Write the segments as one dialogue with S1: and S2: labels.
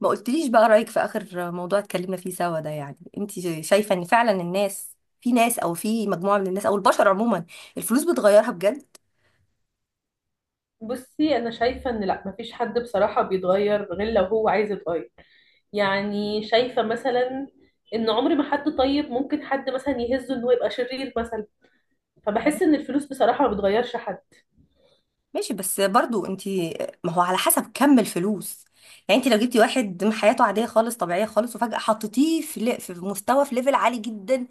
S1: ما قلتليش بقى رأيك في آخر موضوع اتكلمنا فيه سوا ده، انت شايفة ان فعلا الناس، في ناس او في مجموعة من الناس او البشر عموما الفلوس بتغيرها بجد؟
S2: بصي، انا شايفه ان لا، مفيش حد بصراحه بيتغير غير لو هو عايز يتغير. يعني شايفه مثلا ان عمر ما حد طيب ممكن حد مثلا يهزه ان هو يبقى شرير مثلا.
S1: أهو.
S2: فبحس ان الفلوس بصراحه ما بتغيرش حد.
S1: ماشي، بس برضو انت ما هو على حسب كم الفلوس. انت لو جبتي واحد من حياته عادية خالص، طبيعية خالص، وفجأة حطيتيه في في مستوى، في ليفل عالي جدا،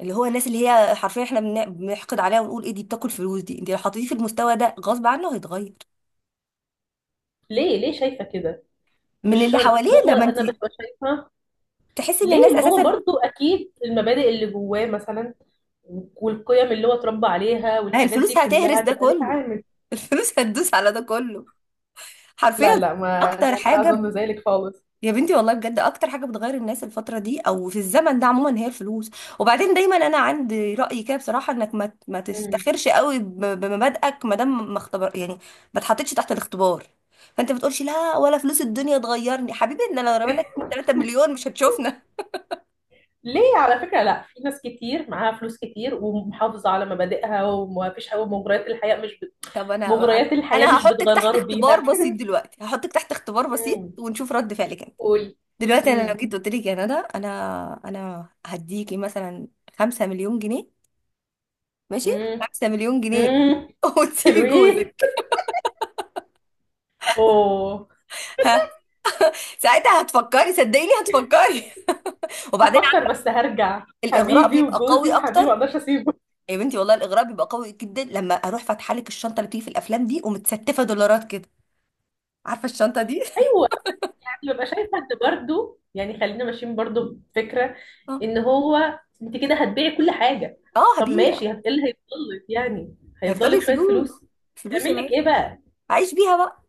S1: اللي هو الناس اللي هي حرفيا احنا بنحقد عليها ونقول ايه دي بتاكل فلوس دي. انت لو حطيتيه في المستوى ده غصب عنه هيتغير
S2: ليه ليه شايفه كده؟
S1: من
S2: مش
S1: اللي حواليه.
S2: شرط، هو
S1: لما انت
S2: انا ببقى شايفه
S1: تحسي ان
S2: ليه،
S1: الناس
S2: ما هو
S1: اساسا
S2: برضو اكيد المبادئ اللي جواه مثلا والقيم اللي هو اتربى عليها
S1: ما هي
S2: والحاجات
S1: الفلوس
S2: دي
S1: هتهرس
S2: كلها
S1: ده
S2: تبقى ليها
S1: كله،
S2: عامل.
S1: الفلوس هتدوس على ده كله حرفيا.
S2: لا لا ما لا,
S1: اكتر
S2: لا
S1: حاجه
S2: اظن ذلك خالص.
S1: يا بنتي والله بجد اكتر حاجه بتغير الناس الفتره دي او في الزمن ده عموما هي الفلوس. وبعدين دايما انا عندي راي كده بصراحه انك ما
S2: مم.
S1: تفتخرش قوي بمبادئك ما دام ما اختبر، ما اتحطيتش تحت الاختبار. فانت بتقولش لا ولا فلوس الدنيا تغيرني حبيبي، ان انا لو رمينا 2 3 مليون مش هتشوفنا.
S2: ليه على فكرة؟ لا، في ناس كتير معاها فلوس كتير ومحافظة على مبادئها، وما فيش حاجة. مغريات الحياة مش بت...
S1: طب انا انا
S2: مغريات الحياة
S1: انا
S2: مش
S1: هحطك تحت
S2: بتغرغر
S1: اختبار
S2: بيها.
S1: بسيط دلوقتي، هحطك تحت اختبار بسيط
S2: امم
S1: ونشوف رد فعلك.
S2: قولي.
S1: دلوقتي انا لو
S2: امم
S1: جيت قلت لك يا ندى، انا هديكي مثلا 5 مليون جنيه. ماشي.
S2: امم
S1: 5 مليون جنيه
S2: امم
S1: وتسيبي
S2: حلوين.
S1: جوزك.
S2: اوه.
S1: ها؟ ساعتها هتفكري، صدقيني هتفكري. وبعدين
S2: هفكر بس هرجع.
S1: الاغراء
S2: حبيبي
S1: بيبقى قوي
S2: وجوزي وحبيبي ما
S1: اكتر.
S2: اقدرش اسيبه.
S1: يا بنتي والله الاغراء بيبقى قوي جدا لما اروح فاتحه لك الشنطه اللي بتيجي في الافلام دي ومتستفه دولارات كده. عارفه الشنطه دي؟
S2: ايوه، يعني ببقى شايفه ان برضه، يعني خلينا ماشيين برضه بفكره
S1: اه.
S2: ان هو انت كده هتبيعي كل حاجه.
S1: آه،
S2: طب
S1: هبيع.
S2: ماشي، ايه اللي هيفضل لك يعني؟ هيفضل
S1: هيفضلي
S2: لك شويه
S1: الفلوس.
S2: فلوس
S1: فلوس يا
S2: تعمل لك
S1: بنت.
S2: ايه بقى؟
S1: عايش بيها بقى.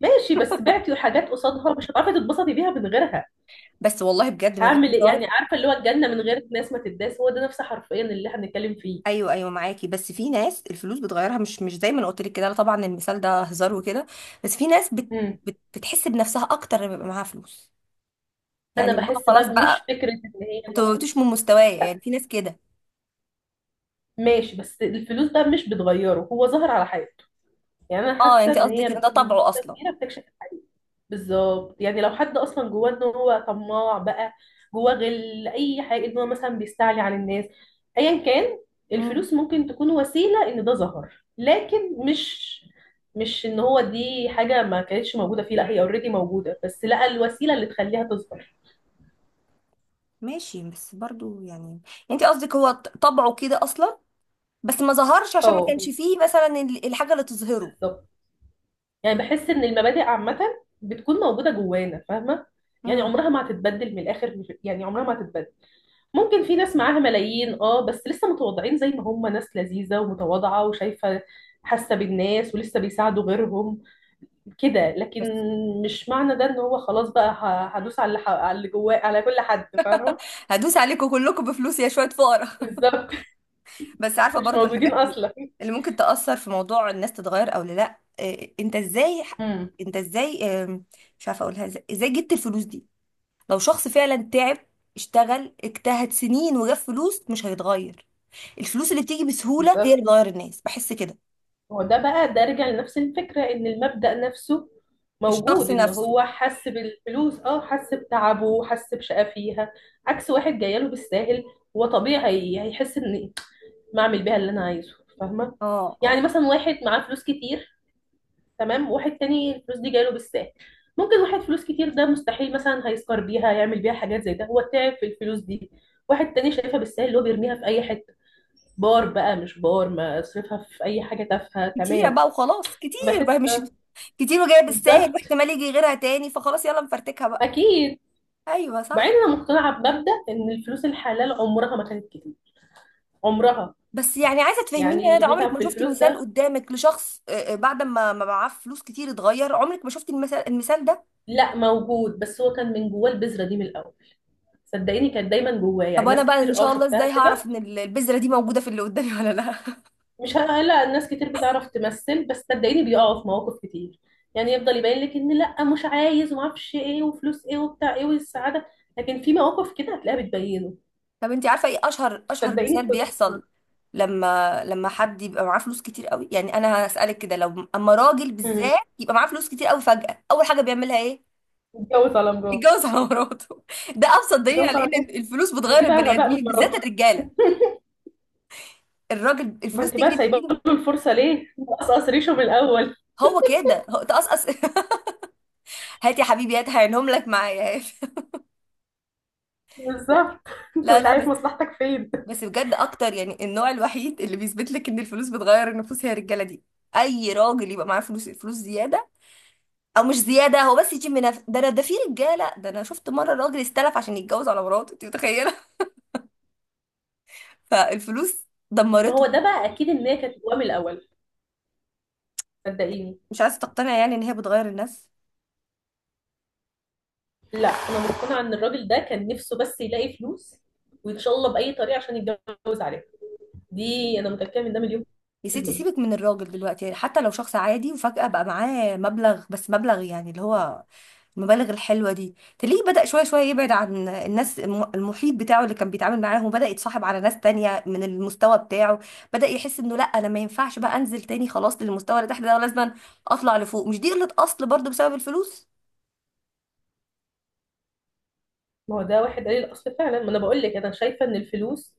S2: ماشي، بس بعتي حاجات قصادها مش هتعرفي تتبسطي بيها من غيرها.
S1: بس والله بجد من غير
S2: هعمل ايه يعني؟
S1: هزار.
S2: عارفه اللي هو الجنه من غير ناس ما تداس، هو ده نفس حرفيا اللي احنا بنتكلم فيه.
S1: ايوه ايوه معاكي، بس في ناس الفلوس بتغيرها. مش زي ما أنا قلت لك كده، لا طبعا المثال ده هزار وكده. بس في ناس
S2: مم.
S1: بتحس بنفسها اكتر لما يبقى معاها فلوس.
S2: انا
S1: اللي هو
S2: بحس
S1: خلاص
S2: بقى مش
S1: بقى
S2: فكره ان هي
S1: انتوا انتوش من مستوايا. يعني في ناس كده.
S2: ماشي، بس الفلوس بقى مش بتغيره، هو ظهر على حاجه. يعني انا
S1: اه
S2: حاسه
S1: انت
S2: ان
S1: قصدك ان
S2: هي
S1: ده
S2: بنسبه
S1: طبعه اصلا.
S2: كبيره بتكشف الحقيقه. بالظبط، يعني لو حد اصلا جواه ان هو طماع بقى، جواه غل، اي حاجه، ان هو مثلا بيستعلي على الناس، ايا كان،
S1: امم.
S2: الفلوس ممكن تكون وسيله ان ده ظهر، لكن مش ان هو دي حاجه ما كانتش موجوده فيه، لا هي اوريدي موجوده بس لقى الوسيله اللي تخليها تظهر.
S1: ماشي، بس برضو يعني انت قصدك هو طبعه كده اصلا بس ما ظهرش عشان ما
S2: اه
S1: كانش فيه مثلا الحاجه اللي تظهره.
S2: بالظبط. يعني بحس ان المبادئ عامه بتكون موجوده جوانا، فاهمه؟ يعني
S1: امم.
S2: عمرها ما هتتبدل، من الاخر يعني عمرها ما هتتبدل. ممكن في ناس معاها ملايين، اه، بس لسه متواضعين زي ما هم، ناس لذيذة ومتواضعة وشايفة، حاسة بالناس ولسه بيساعدوا غيرهم كده. لكن
S1: بس
S2: مش معنى ده ان هو خلاص بقى هدوس على اللي على اللي جواه، على كل حد، فاهمة؟
S1: هدوس عليكم كلكم بفلوس يا شويه فقراء.
S2: بالظبط.
S1: بس عارفه
S2: مش
S1: برضو
S2: موجودين
S1: الحاجات
S2: اصلا.
S1: اللي ممكن تأثر في موضوع الناس تتغير او لا، إيه، انت ازاي،
S2: امم
S1: انت ازاي آم، مش عارفه اقولها ازاي، ازاي جبت الفلوس دي؟ لو شخص فعلا تعب، اشتغل، اجتهد سنين وجاب فلوس مش هيتغير. الفلوس اللي بتيجي بسهوله هي اللي
S2: بالظبط.
S1: بتغير الناس، بحس كده.
S2: هو ده بقى، ده رجع لنفس الفكرة ان المبدأ نفسه
S1: الشخص
S2: موجود، ان
S1: نفسه.
S2: هو حس بالفلوس، اه حس بتعبه، حس بشقى فيها، عكس واحد جايله بالساهل. هو طبيعي هيحس ان ما اعمل بيها اللي انا عايزه، فاهمه؟
S1: اه
S2: يعني
S1: اه.
S2: مثلا واحد معاه فلوس كتير، تمام، وواحد تاني الفلوس دي جايله بالساهل. ممكن واحد فلوس كتير ده مستحيل مثلا هيسكر بيها يعمل بيها حاجات زي ده، هو تعب في الفلوس دي. واحد تاني شايفها بالساهل، اللي هو بيرميها في اي حته، بار بقى مش بار، ما اصرفها في اي حاجه تافهه،
S1: كتيره
S2: تمام.
S1: بقى وخلاص، كتير بقى
S2: بحس
S1: مش
S2: ده
S1: كتير وجايه بالساهل
S2: بالظبط
S1: واحتمال يجي غيرها تاني فخلاص يلا نفرتكها بقى.
S2: اكيد.
S1: ايوه
S2: بعدين
S1: صح.
S2: انا مقتنعه بمبدا ان الفلوس الحلال عمرها ما كانت كتير، عمرها.
S1: بس يعني عايزه
S2: يعني
S1: تفهميني يا
S2: اللي
S1: ندى عمرك
S2: بيتعب
S1: ما
S2: في
S1: شفتي
S2: الفلوس
S1: مثال
S2: ده،
S1: قدامك لشخص آه، آه، بعد ما معاه فلوس كتير اتغير؟ عمرك ما شفتي المثال ده؟
S2: لا موجود، بس هو كان من جواه البذرة دي من الأول، صدقيني كانت دايما جواه.
S1: طب
S2: يعني
S1: وانا
S2: ناس
S1: بقى ان
S2: كتير اه
S1: شاء الله
S2: شفتها
S1: ازاي هعرف
S2: كده.
S1: ان البذره دي موجوده في اللي قدامي ولا لا؟
S2: مش هلا، ناس كتير بتعرف تمثل، بس صدقيني بيقعوا في مواقف كتير. يعني يفضل يبين لك ان لا مش عايز، ومعرفش ايه، وفلوس ايه، وبتاع ايه، والسعادة. لكن في مواقف كده هتلاقيها بتبينه،
S1: طب انت عارفه ايه اشهر
S2: صدقيني
S1: مثال
S2: بتظهر.
S1: بيحصل لما حد يبقى معاه فلوس كتير قوي؟ يعني انا هسالك كده لو اما راجل
S2: امم
S1: بالذات يبقى معاه فلوس كتير قوي فجاه اول حاجه بيعملها ايه؟
S2: اتجوز على مراته.
S1: يتجوز على مراته. ده ابسط دليل
S2: اتجوز
S1: على
S2: على
S1: ان
S2: مراته.
S1: الفلوس
S2: ما هي
S1: بتغير
S2: دي بقى
S1: البني
S2: غباء من
S1: ادمين بالذات
S2: مراته.
S1: الرجاله. الراجل
S2: ما
S1: الفلوس
S2: انت بقى
S1: تجري في
S2: سايبه
S1: ايده.
S2: له الفرصه ليه؟ مقصقص ريشه من الاول.
S1: هو كده هو تقصقص. هات يا حبيبي هات هعينهم لك معايا هات. لا.
S2: بالظبط. انت
S1: لا
S2: مش
S1: لا
S2: عارف مصلحتك فين.
S1: بس بجد اكتر يعني النوع الوحيد اللي بيثبت لك ان الفلوس بتغير النفوس هي الرجاله دي. اي راجل يبقى معاه فلوس الفلوس زياده، او مش زياده هو بس يجيب من ده انا ده في رجاله. ده انا شفت مره راجل استلف عشان يتجوز على مراته، انت متخيله؟ فالفلوس
S2: ما
S1: دمرته.
S2: هو ده بقى اكيد ان هي كانت جواه من الاول، صدقيني.
S1: مش عايزه تقتنع يعني ان هي بتغير الناس.
S2: لا، انا مقتنعه ان الراجل ده كان نفسه بس يلاقي فلوس، وان شاء الله باي طريقه، عشان يتجوز عليها. دي انا متاكده من ده مليون
S1: يا
S2: في
S1: ستي
S2: الميه.
S1: سيبك من الراجل دلوقتي. يعني حتى لو شخص عادي وفجأة بقى معاه مبلغ، بس مبلغ يعني اللي هو المبالغ الحلوه دي، تلاقيه بدأ شويه شويه يبعد عن الناس المحيط بتاعه اللي كان بيتعامل معاهم، بدأ يتصاحب على ناس تانية من المستوى بتاعه. بدأ يحس انه لا انا ما ينفعش بقى انزل تاني خلاص للمستوى اللي تحت ده، ولازم اطلع لفوق. مش دي قلة اصل برضو بسبب الفلوس؟
S2: ما هو ده واحد قليل الاصل فعلا. ما انا بقول لك، انا شايفه ان الفلوس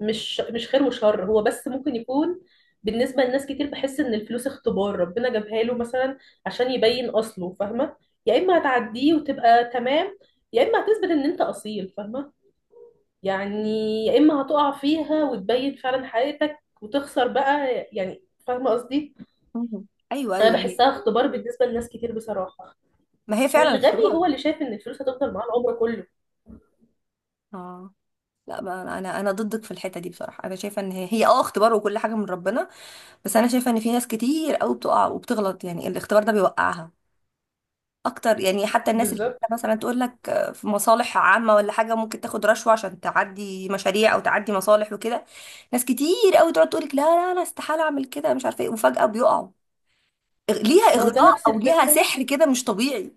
S2: مش خير وشر، هو بس ممكن يكون بالنسبه لناس كتير. بحس ان الفلوس اختبار ربنا جابها له مثلا عشان يبين اصله، فاهمه؟ يا اما هتعديه وتبقى تمام، يا اما هتثبت ان انت اصيل، فاهمه يعني، يا اما هتقع فيها وتبين فعلا حقيقتك وتخسر بقى، يعني فاهمه قصدي؟
S1: مم. ايوه
S2: انا
S1: ايوه يعني.
S2: بحسها اختبار بالنسبه لناس كتير بصراحه.
S1: ما هي فعلا
S2: والغبي
S1: اختبار.
S2: هو اللي شايف ان الفلوس هتفضل معاه العمر كله.
S1: اه. لا، ما انا انا أنا ضدك في الحته دي بصراحه. انا شايفه ان هي اه اختبار وكل حاجه من ربنا. بس انا شايفه ان في ناس كتير قوي بتقع وبتغلط، يعني الاختبار ده بيوقعها اكتر. يعني حتى الناس اللي
S2: بالظبط.
S1: مثلا تقول لك في مصالح عامة ولا حاجة ممكن تاخد رشوة عشان تعدي مشاريع او تعدي مصالح وكده، ناس كتير قوي تقعد تقول لك لا لا انا استحالة اعمل كده مش عارفة ايه، وفجأة بيقعوا. ليها
S2: ما هو ده
S1: اغراء
S2: نفس
S1: او ليها
S2: الفكره،
S1: سحر كده مش طبيعي.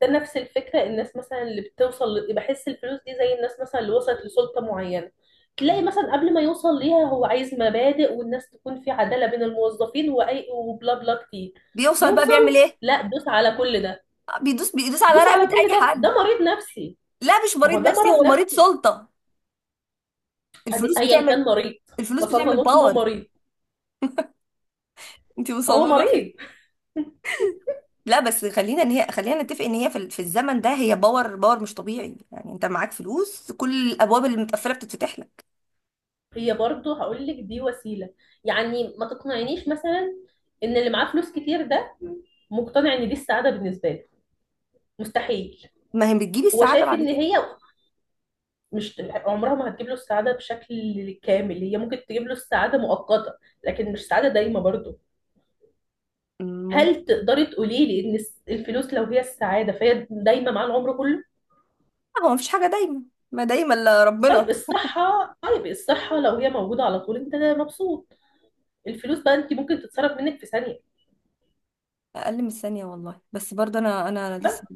S2: ده نفس الفكره. الناس مثلا اللي بتوصل بحس الفلوس دي زي الناس مثلا اللي وصلت لسلطه معينه. تلاقي مثلا قبل ما يوصل ليها، هو عايز مبادئ والناس تكون في عداله بين الموظفين، واي، وبلا بلا كتير.
S1: بيوصل بقى
S2: يوصل،
S1: بيعمل ايه؟
S2: لا، دوس على كل ده.
S1: بيدوس على
S2: دوس
S1: رقبة
S2: على كل
S1: اي
S2: ده،
S1: حد.
S2: ده مريض نفسي.
S1: لا مش
S2: ما
S1: مريض
S2: هو ده
S1: نفسي،
S2: مرض
S1: هو مريض
S2: نفسي.
S1: سلطة. الفلوس
S2: ايا
S1: بتعمل
S2: كان مريض.
S1: الفلوس
S2: وصلنا
S1: بتعمل
S2: نقطة انه
S1: باور.
S2: مريض،
S1: انت
S2: ما هو
S1: مصممة.
S2: مريض.
S1: لا بس خلينا، ان هي خلينا نتفق ان هي في الزمن ده هي باور، باور مش طبيعي. يعني انت معاك فلوس كل الابواب اللي متقفله بتتفتح لك.
S2: هي برضه هقول لك دي وسيلة، يعني ما تقنعنيش مثلا ان اللي معاه فلوس كتير ده مقتنع ان دي السعادة بالنسبة له، مستحيل.
S1: ما هي بتجيب
S2: هو
S1: السعاده
S2: شايف
S1: بعد
S2: ان
S1: كده.
S2: هي مش، عمرها ما هتجيب له السعادة بشكل كامل. هي ممكن تجيب له السعادة مؤقتة، لكن مش سعادة دايمة برضه.
S1: ممكن.
S2: هل تقدري تقولي لي ان الفلوس لو هي السعادة فهي دايمة مع العمر كله؟
S1: هو مفيش حاجه دايما، ما دايما الا
S2: طيب
S1: ربنا.
S2: الصحة، طيب الصحة لو هي موجودة على طول انت مبسوط، الفلوس بقى انت ممكن تتصرف منك في ثانية.
S1: اقل من الثانيه والله. بس برضه انا
S2: بس.
S1: لسه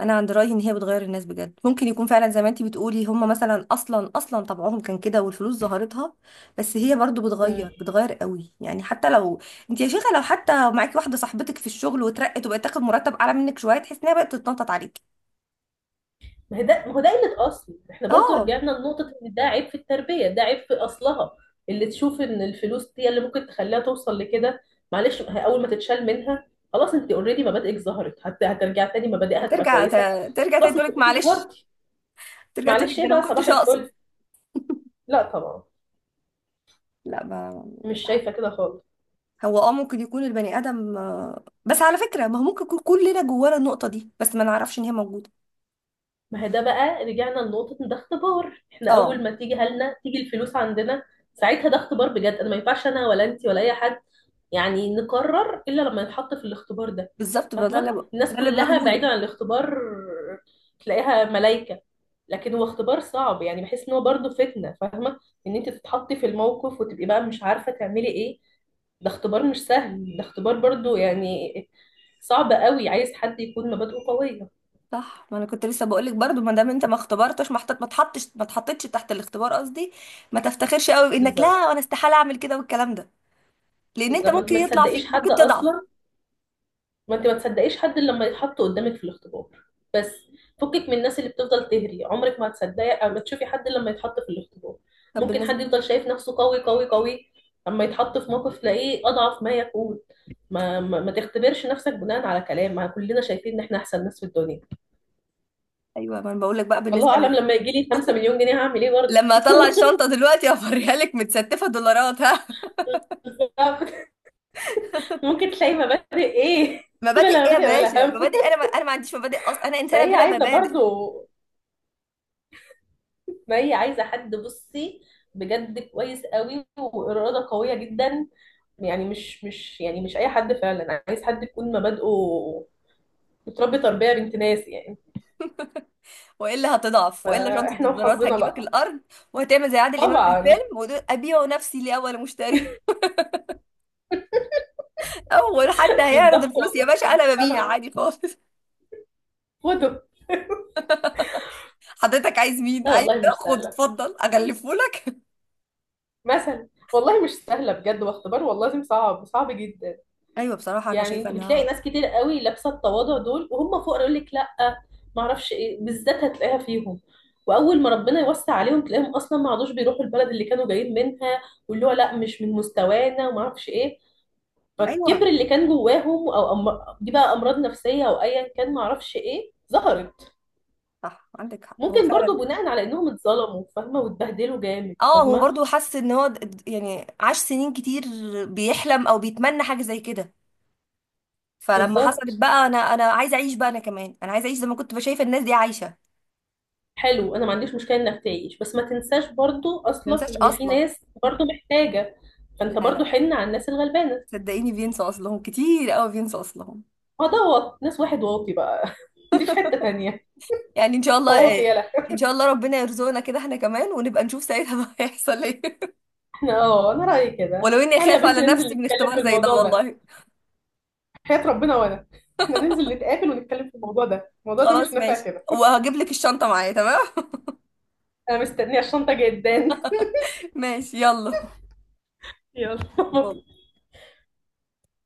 S1: انا عند رايي ان هي بتغير الناس بجد. ممكن يكون فعلا زي ما انتي بتقولي هم مثلا اصلا طبعهم كان كده والفلوس ظهرتها، بس هي برضو
S2: مم.
S1: بتغير قوي يعني حتى لو انتي يا شيخه لو حتى معاكي واحده صاحبتك في الشغل واترقت وبقت تاخد مرتب اعلى منك شويه تحس انها بقت تتنطط عليكي.
S2: ما هي ده، ما هو ده قلة أصل. احنا برضو
S1: اه.
S2: رجعنا لنقطة ان ده عيب في التربية، ده عيب في أصلها، اللي تشوف ان الفلوس هي اللي ممكن تخليها توصل لكده. معلش، ما هي أول ما تتشال منها خلاص، انت اوريدي مبادئك ظهرت. هترجع تاني مبادئها هتبقى
S1: هترجع ت...
S2: كويسة.
S1: ترجع تاني
S2: خلاص انت
S1: تقولك
S2: اوريدي
S1: معلش،
S2: ظهرتي،
S1: ترجع تقولك
S2: معلش
S1: ده
S2: ايه
S1: انا ما
S2: بقى، صباح
S1: كنتش اقصد.
S2: الفل. لا طبعا،
S1: لا ما
S2: مش
S1: مش عارفه.
S2: شايفة كده خالص.
S1: هو اه ممكن يكون البني ادم آه، بس على فكره ما هو ممكن يكون كلنا جوانا النقطه دي بس ما نعرفش ان هي موجوده.
S2: ما هي ده بقى رجعنا لنقطة إن ده اختبار. احنا أول
S1: اه
S2: ما تيجي هلنا، تيجي الفلوس عندنا، ساعتها ده اختبار بجد. أنا ما ينفعش أنا ولا أنت ولا أي حد يعني نقرر إلا لما نتحط في الاختبار ده،
S1: بالظبط، ما ده
S2: فاهمة؟
S1: اللي ب...
S2: الناس
S1: ده اللي
S2: كلها
S1: بقوله.
S2: بعيدا عن الاختبار تلاقيها ملايكة، لكن هو اختبار صعب. يعني بحس إن هو برضه فتنة، فاهمة؟ إن أنت تتحطي في الموقف وتبقي بقى مش عارفة تعملي إيه، ده اختبار مش سهل. ده اختبار برضه يعني صعب قوي، عايز حد يكون مبادئه قوية.
S1: صح ما انا كنت لسه بقول لك برضو ما دام انت ما اختبرتش، ما حطت، ما اتحطش، ما اتحطتش تحت الاختبار قصدي، ما تفتخرش قوي بانك لا
S2: بالظبط.
S1: وانا استحاله اعمل كده والكلام ده، لان انت
S2: بالظبط، ما انت
S1: ممكن
S2: ما
S1: يطلع
S2: تصدقيش
S1: فيك
S2: حد
S1: ممكن تضعف.
S2: اصلا. ما انت ما تصدقيش حد الا لما يتحط قدامك في الاختبار، بس. فكك من الناس اللي بتفضل تهري، عمرك ما هتصدقي او ما تشوفي حد الا لما يتحط في الاختبار.
S1: طب
S2: ممكن حد
S1: بالنسبه.
S2: يفضل شايف نفسه قوي قوي قوي، اما يتحط في موقف تلاقيه اضعف ما يكون. ما تختبرش نفسك بناء على كلام، ما كلنا شايفين ان احنا احسن ناس في الدنيا.
S1: ايوه ما انا بقول لك بقى
S2: الله
S1: بالنسبه
S2: اعلم
S1: ل...
S2: لما يجي لي 5 مليون جنيه هعمل ايه برضه.
S1: لما اطلع الشنطه دلوقتي افريها لك متستفه دولارات ها.
S2: ممكن تلاقي مبادئ، ايه.
S1: مبادئ
S2: بلا
S1: ايه يا
S2: مبادئ ولا
S1: باشا
S2: هم.
S1: مبادئ؟ انا ما... انا ما عنديش مبادئ اصلا، انا انسانه
S2: فهي
S1: بلا
S2: عايزه
S1: مبادئ.
S2: برضه، ما هي عايزة حد، بصي، بجد كويس قوي وإرادة قوية جدا. يعني مش أي حد. فعلا عايز حد يكون مبادئه، متربي تربية بنت ناس يعني.
S1: والا هتضعف، والا شنطه
S2: فإحنا
S1: الدولارات
S2: وحظنا
S1: هتجيبك
S2: بقى.
S1: الارض وهتعمل زي عادل امام في
S2: طبعا.
S1: الفيلم وتقول ابيع نفسي لاول مشتري. اول حد هيعرض
S2: بالظبط
S1: الفلوس يا
S2: والله.
S1: باشا
S2: طب مش
S1: انا ببيع
S2: سهلة،
S1: عادي خالص.
S2: فوتو.
S1: حضرتك عايز مين؟
S2: لا
S1: عايز
S2: والله مش
S1: ده؟ خد
S2: سهلة
S1: اتفضل اغلفه لك.
S2: مثلا، والله مش سهلة بجد، واختبار والله العظيم صعب، صعب جدا.
S1: ايوه بصراحه انا
S2: يعني
S1: شايفه
S2: انت بتلاقي
S1: انها.
S2: ناس كتير قوي لابسه التواضع دول وهم فقراء، يقول لك لا، ما اعرفش ايه، بالذات هتلاقيها فيهم. واول ما ربنا يوسع عليهم تلاقيهم اصلا ما عادوش بيروحوا البلد اللي كانوا جايين منها، واللي هو لا مش من مستوانا، وما اعرفش ايه.
S1: ايوه
S2: فالكبر اللي كان جواهم، او دي بقى امراض نفسيه، او ايا كان، ما اعرفش ايه، ظهرت.
S1: صح عندك حق، هو
S2: ممكن برضو
S1: فعلا.
S2: بناء على انهم اتظلموا، فاهمه، واتبهدلوا جامد،
S1: اه هو
S2: فاهمه.
S1: برضو حس ان هو يعني عاش سنين كتير بيحلم او بيتمنى حاجه زي كده. فلما حصلت
S2: بالظبط،
S1: بقى انا عايزه اعيش بقى، انا كمان انا عايزه اعيش زي ما كنت شايفه الناس دي عايشه.
S2: حلو. انا ما عنديش مشكله انك تعيش، بس ما تنساش برضو
S1: ما
S2: اصلا
S1: ننساش
S2: ان في
S1: اصلا.
S2: ناس برضو محتاجه. فانت
S1: لا
S2: برضو
S1: لا
S2: حن على الناس الغلبانه.
S1: صدقيني بينسوا اصلهم كتير قوي، بينسوا اصلهم.
S2: اه، ده واط، ناس واحد واطي بقى. دي في حته تانية،
S1: يعني ان شاء الله
S2: واطي،
S1: إيه،
S2: يلا.
S1: ان شاء الله ربنا يرزقنا كده احنا كمان ونبقى نشوف ساعتها بقى هيحصل ايه.
S2: احنا، اه، انا رايي كده،
S1: ولو اني
S2: تعالي يا
S1: خايفة
S2: بنتي
S1: على
S2: ننزل
S1: نفسي من
S2: نتكلم
S1: اختبار
S2: في
S1: زي ده
S2: الموضوع ده.
S1: والله.
S2: حياه ربنا. وانا، احنا ننزل نتقابل ونتكلم في الموضوع ده، الموضوع ده مش
S1: خلاص
S2: نافع
S1: ماشي.
S2: كده.
S1: وهجيب لك الشنطة معايا تمام.
S2: انا مستنيه الشنطه جدا.
S1: ماشي يلا.
S2: يلا.